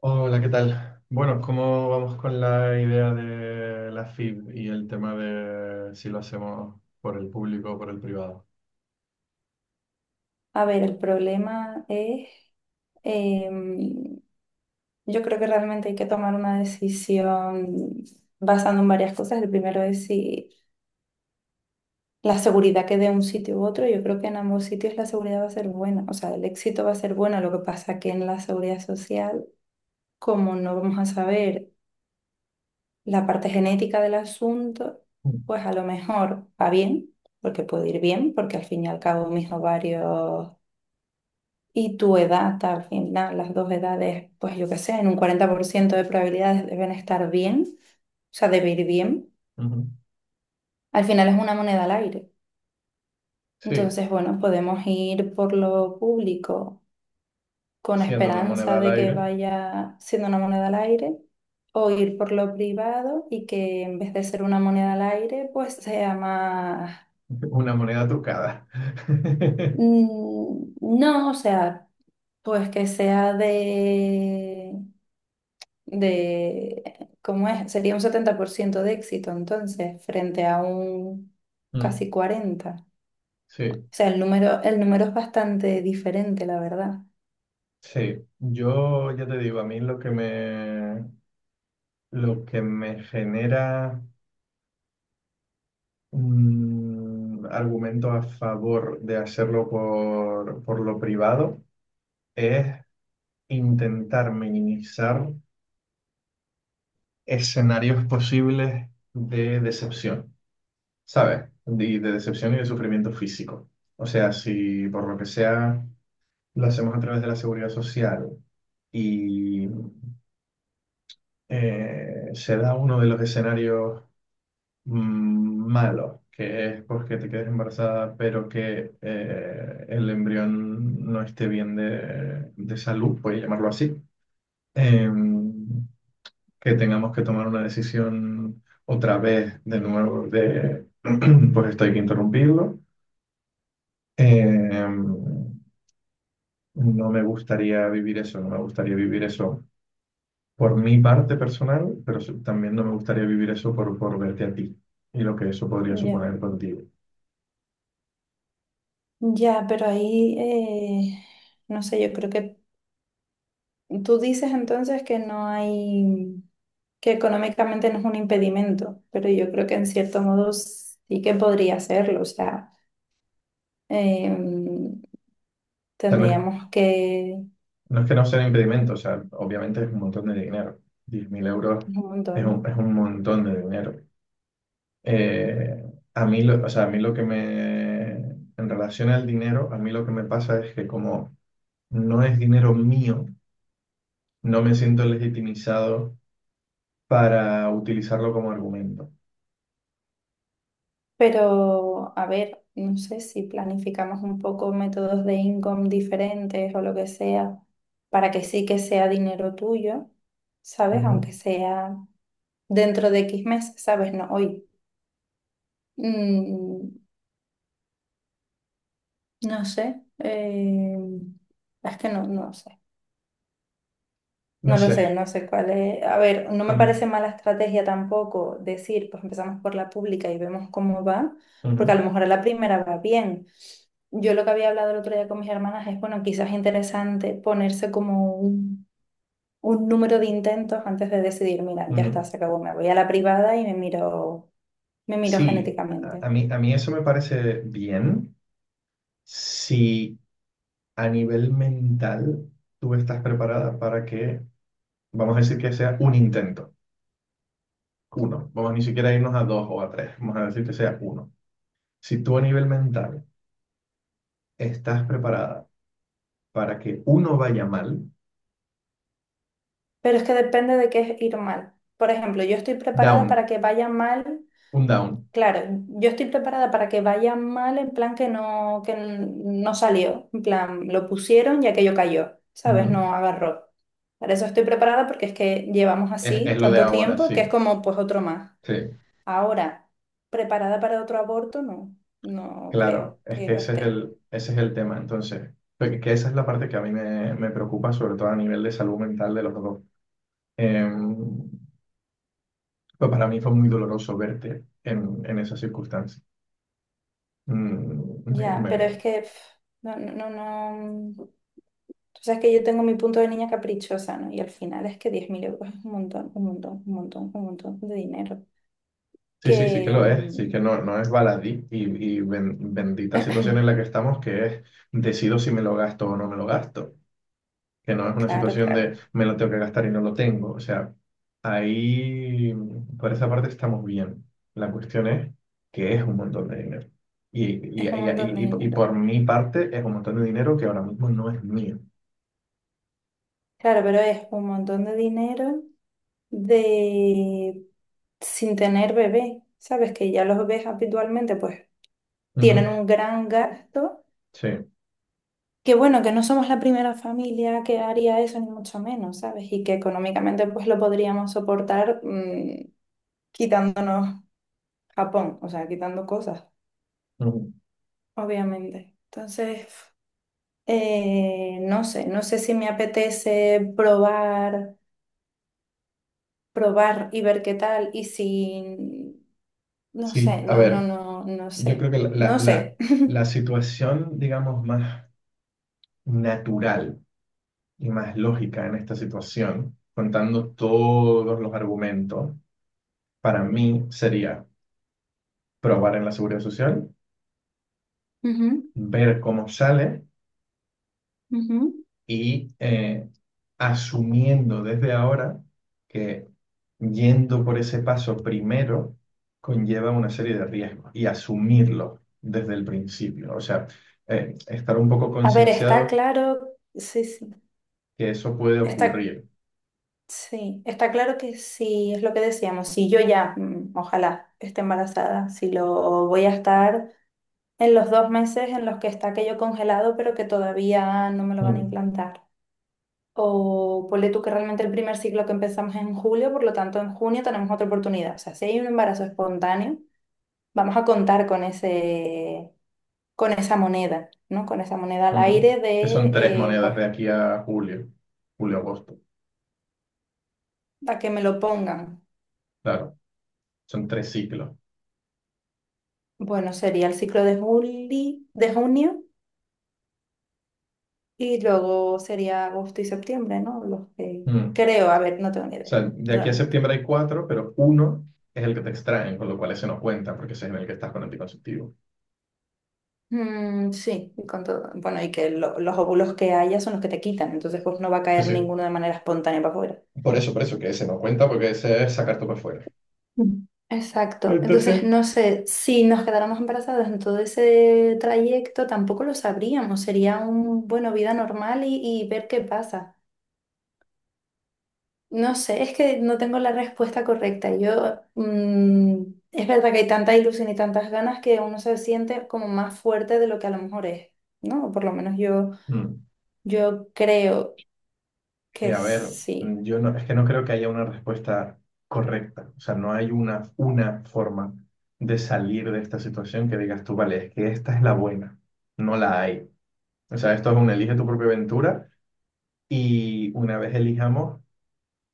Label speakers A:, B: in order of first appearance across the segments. A: Hola, ¿qué tal? Bueno, ¿cómo vamos con la idea de la FIB y el tema de si lo hacemos por el público o por el privado?
B: A ver, el problema es, em, yo creo que realmente hay que tomar una decisión basando en varias cosas. El primero es si la seguridad que dé un sitio u otro, yo creo que en ambos sitios la seguridad va a ser buena, o sea, el éxito va a ser bueno. Lo que pasa que en la seguridad social, como no vamos a saber la parte genética del asunto,
A: Mm.
B: pues a lo mejor va bien, porque puede ir bien, porque al fin y al cabo mis ovarios Y tu edad, al final, las dos edades, pues yo qué sé, en un 40% de probabilidades deben estar bien, o sea, de ir bien.
A: Ujú.
B: Al final es una moneda al aire.
A: Sí,
B: Entonces, bueno, podemos ir por lo público con
A: siendo una
B: esperanza
A: moneda al
B: de que
A: aire,
B: vaya siendo una moneda al aire, o ir por lo privado y que en vez de ser una moneda al aire, pues sea más...
A: una moneda trucada.
B: mm, No, o sea, pues que sea de de, ¿cómo es? Sería un 70% de éxito entonces, frente a un
A: Mm.
B: casi 40. O
A: Sí,
B: sea, el número es bastante diferente, la verdad.
A: sí. Yo ya te digo, a mí lo que me genera argumentos a favor de hacerlo por lo privado. Es intentar minimizar escenarios posibles de decepción, ¿sabes? De decepción y de sufrimiento físico. O sea, si por lo que sea lo hacemos a través de la seguridad social y se da uno de los escenarios malos, que es porque te quedes embarazada, pero que el embrión no esté bien de salud, puedes llamarlo así. em, que tengamos que tomar una decisión otra vez de nuevo de, pues esto hay que interrumpirlo. Em, no me gustaría vivir eso, no me gustaría vivir eso por mi parte personal, pero también no me gustaría vivir eso por verte a ti y lo que eso podría
B: Ya,
A: suponer contigo. O
B: ya, pero ahí, eh, no sé, yo creo que tú dices entonces que no hay, que económicamente no es un impedimento, pero yo creo que en cierto modo sí que podría serlo, o sea, em,
A: sea,
B: tendríamos que,
A: no es que no sea un impedimento, o sea, obviamente es un montón de dinero. 10.000 euros
B: un
A: es
B: montón.
A: es un montón de dinero. A mí lo, o sea, a mí lo que me, en relación al dinero, a mí lo que me pasa es que como no es dinero mío, no me siento legitimizado para utilizarlo como argumento.
B: Pero, a ver, no sé si planificamos un poco métodos de income diferentes o lo que sea, para que sí que sea dinero tuyo, ¿sabes?
A: Ujú.
B: Aunque sea dentro de X meses, ¿sabes? No hoy. Mm, no sé. Es que no, no sé.
A: No
B: No lo
A: sé.
B: sé, no sé cuál es. A ver, no
A: a
B: me
A: mí-
B: parece mala estrategia tampoco decir, pues empezamos por la pública y vemos cómo va,
A: Ujú,
B: porque a lo mejor a la primera va bien. Yo lo que había hablado el otro día con mis hermanas es, bueno, quizás es interesante ponerse como un número de intentos antes de decidir, mira, ya está,
A: ujú.
B: se acabó, me voy a la privada y me miro
A: Sí,
B: genéticamente.
A: a mí eso me parece bien si a nivel mental tú estás preparada para que, vamos a decir que sea un intento, uno. Vamos a ni siquiera a irnos a dos o a tres, vamos a decir que sea uno. Si tú a nivel mental estás preparada para que uno vaya mal,
B: Pero es que depende de qué es ir mal. Por ejemplo, yo estoy preparada
A: down,
B: para que vaya mal.
A: un down.
B: Claro, yo estoy preparada para que vaya mal en plan que no salió, en plan lo pusieron y aquello cayó, ¿sabes?
A: Ujú.
B: No agarró. Para eso estoy preparada porque es que llevamos
A: Es
B: así
A: lo de
B: tanto
A: ahora,
B: tiempo
A: sí.
B: que es como pues otro más.
A: Sí,
B: Ahora, preparada para otro aborto, no, no creo
A: claro. Es
B: que
A: que
B: lo esté.
A: ese es el tema. Entonces, que esa es la parte que a mí me preocupa, sobre todo a nivel de salud mental de los dos. Em, pues para mí fue muy doloroso verte en esa circunstancia. Mm, me,
B: Ya, pero
A: me-
B: es que pf, no, no, no, no. Tú sabes que yo tengo mi punto de niña caprichosa, ¿no? Y al final es que 10.000 euros es un montón, un montón, un montón, un montón de dinero
A: Sí, sí, sí que
B: que,
A: lo es, sí que
B: mm,
A: no, no es baladí y, bendita situación en la que estamos que es decido si me lo gasto o no me lo gasto, que no es una
B: Claro,
A: situación
B: claro.
A: de me lo tengo que gastar y no lo tengo, o sea, ahí por esa parte estamos bien, la cuestión es que es un montón de dinero y, y,
B: Es un
A: y,
B: montón de
A: y- y- y
B: dinero.
A: por mi parte es un montón de dinero que ahora mismo no es mío.
B: Claro, pero es un montón de dinero de sin tener bebé. Sabes que ya los bebés habitualmente pues tienen
A: Ujú.
B: un gran gasto.
A: Sí,
B: Que bueno, que no somos la primera familia que haría eso, ni mucho menos, ¿sabes? Y que económicamente pues lo podríamos soportar quitándonos Japón, o sea, quitando cosas,
A: ujú.
B: obviamente. Entonces, no sé, no sé si me apetece probar. Probar y ver qué tal. Y si, no
A: Sí,
B: sé,
A: a
B: no, no,
A: ver,
B: no, no
A: yo creo
B: sé.
A: que la, la,
B: No
A: la
B: sé.
A: la situación, digamos, más natural y más lógica en esta situación, contando todos los argumentos, para mí sería probar en la seguridad social,
B: Ujú,
A: ver cómo sale
B: ujú.
A: y asumiendo desde ahora que yendo por ese paso primero conlleva una serie de riesgos y asumirlo desde el principio. O sea, estar un poco
B: A ver, está
A: concienciados
B: claro, sí,
A: que eso puede
B: está,
A: ocurrir.
B: sí, está claro que sí, es lo que decíamos, si yo ya, ojalá, esté embarazada, si lo voy a estar en los dos meses en los que está aquello congelado, pero que todavía no me lo van a
A: Mm,
B: implantar. O ponle tú que realmente el primer ciclo que empezamos es en julio, por lo tanto en junio tenemos otra oportunidad. O sea, si hay un embarazo espontáneo, vamos a contar con ese, con esa moneda, ¿no? Con esa moneda al
A: ujú.
B: aire
A: Que son tres
B: de,
A: monedas
B: pues,
A: de aquí a julio, julio-agosto.
B: a que me lo pongan.
A: Claro, son tres ciclos.
B: Bueno, sería el ciclo de juli, de junio y luego sería agosto y septiembre, ¿no? Los que
A: Mm.
B: creo, a ver, no tengo ni
A: O
B: idea,
A: sea, de aquí a
B: realmente.
A: septiembre hay cuatro, pero uno es el que te extraen, con lo cual ese no cuenta, porque ese es en el que estás con anticonceptivo.
B: Mm, sí, y con todo- Bueno, y que lo- los óvulos que haya son los que te quitan, entonces pues no va a
A: Sí,
B: caer
A: sí.
B: ninguno de manera espontánea para afuera.
A: Por eso, que ese no cuenta, porque ese es sacarte para afuera.
B: Ujú. Exacto. Entonces,
A: Entonces...
B: no sé, si nos quedáramos embarazadas en todo ese trayecto, tampoco lo sabríamos. Sería un, bueno, vida normal y ver qué pasa. No sé, es que no tengo la respuesta correcta. Yo, es verdad que hay tanta ilusión y tantas ganas que uno se siente como más fuerte de lo que a lo mejor es, ¿no? O por lo menos yo,
A: Mm.
B: yo creo
A: Y
B: que
A: a ver,
B: sí.
A: yo no, es que no creo que haya una respuesta correcta. O sea, no hay una forma de salir de esta situación que digas tú, vale, es que esta es la buena. No la hay. O sea, esto es un elige tu propia aventura y una vez elijamos,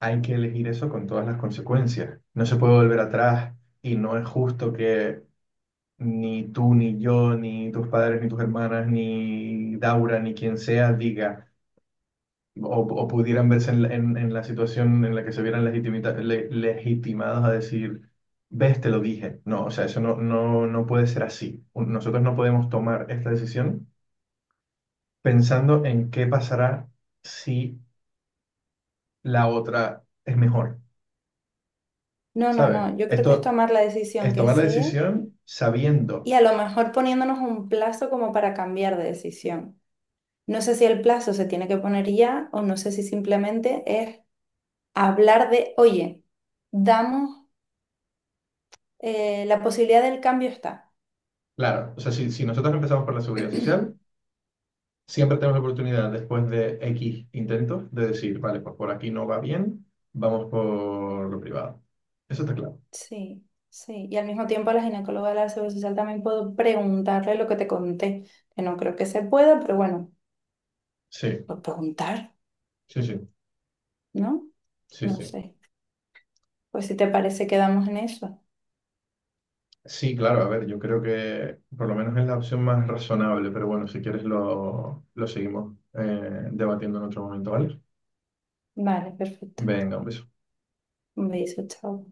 A: hay que elegir eso con todas las consecuencias. No se puede volver atrás y no es justo que ni tú, ni yo, ni tus padres, ni tus hermanas, ni Daura, ni quien sea diga o pudieran verse en, en la situación en la que se vieran legitimados a decir, ves, te lo dije. No, o sea, eso no, no puede ser así. Nosotros no podemos tomar esta decisión pensando en qué pasará si la otra es mejor.
B: No, no,
A: ¿Sabes?
B: no. Yo creo que es
A: Esto
B: tomar la decisión
A: es
B: que
A: tomar la
B: sea
A: decisión
B: y
A: sabiendo,
B: a lo mejor poniéndonos un plazo como para cambiar de decisión. No sé si el plazo se tiene que poner ya o no sé si simplemente es hablar de, oye, damos, la posibilidad del cambio está.
A: claro, o sea, si nosotros empezamos por la seguridad social, siempre tenemos la oportunidad después de X intentos de decir, vale, pues por aquí no va bien, vamos por lo privado. Eso está claro.
B: Sí, sí. Y al mismo tiempo a la ginecóloga de la Seguridad Social también puedo preguntarle lo que te conté, que no creo que se pueda, pero bueno,
A: Sí,
B: por preguntar,
A: sí, sí,
B: ¿no?
A: sí,
B: No
A: sí.
B: sé. Pues si te parece, quedamos en eso.
A: Sí, claro, a ver, yo creo que por lo menos es la opción más razonable, pero bueno, si quieres lo seguimos debatiendo en otro momento, ¿vale?
B: Vale, perfecto.
A: Venga, un beso.
B: Un beso, chao.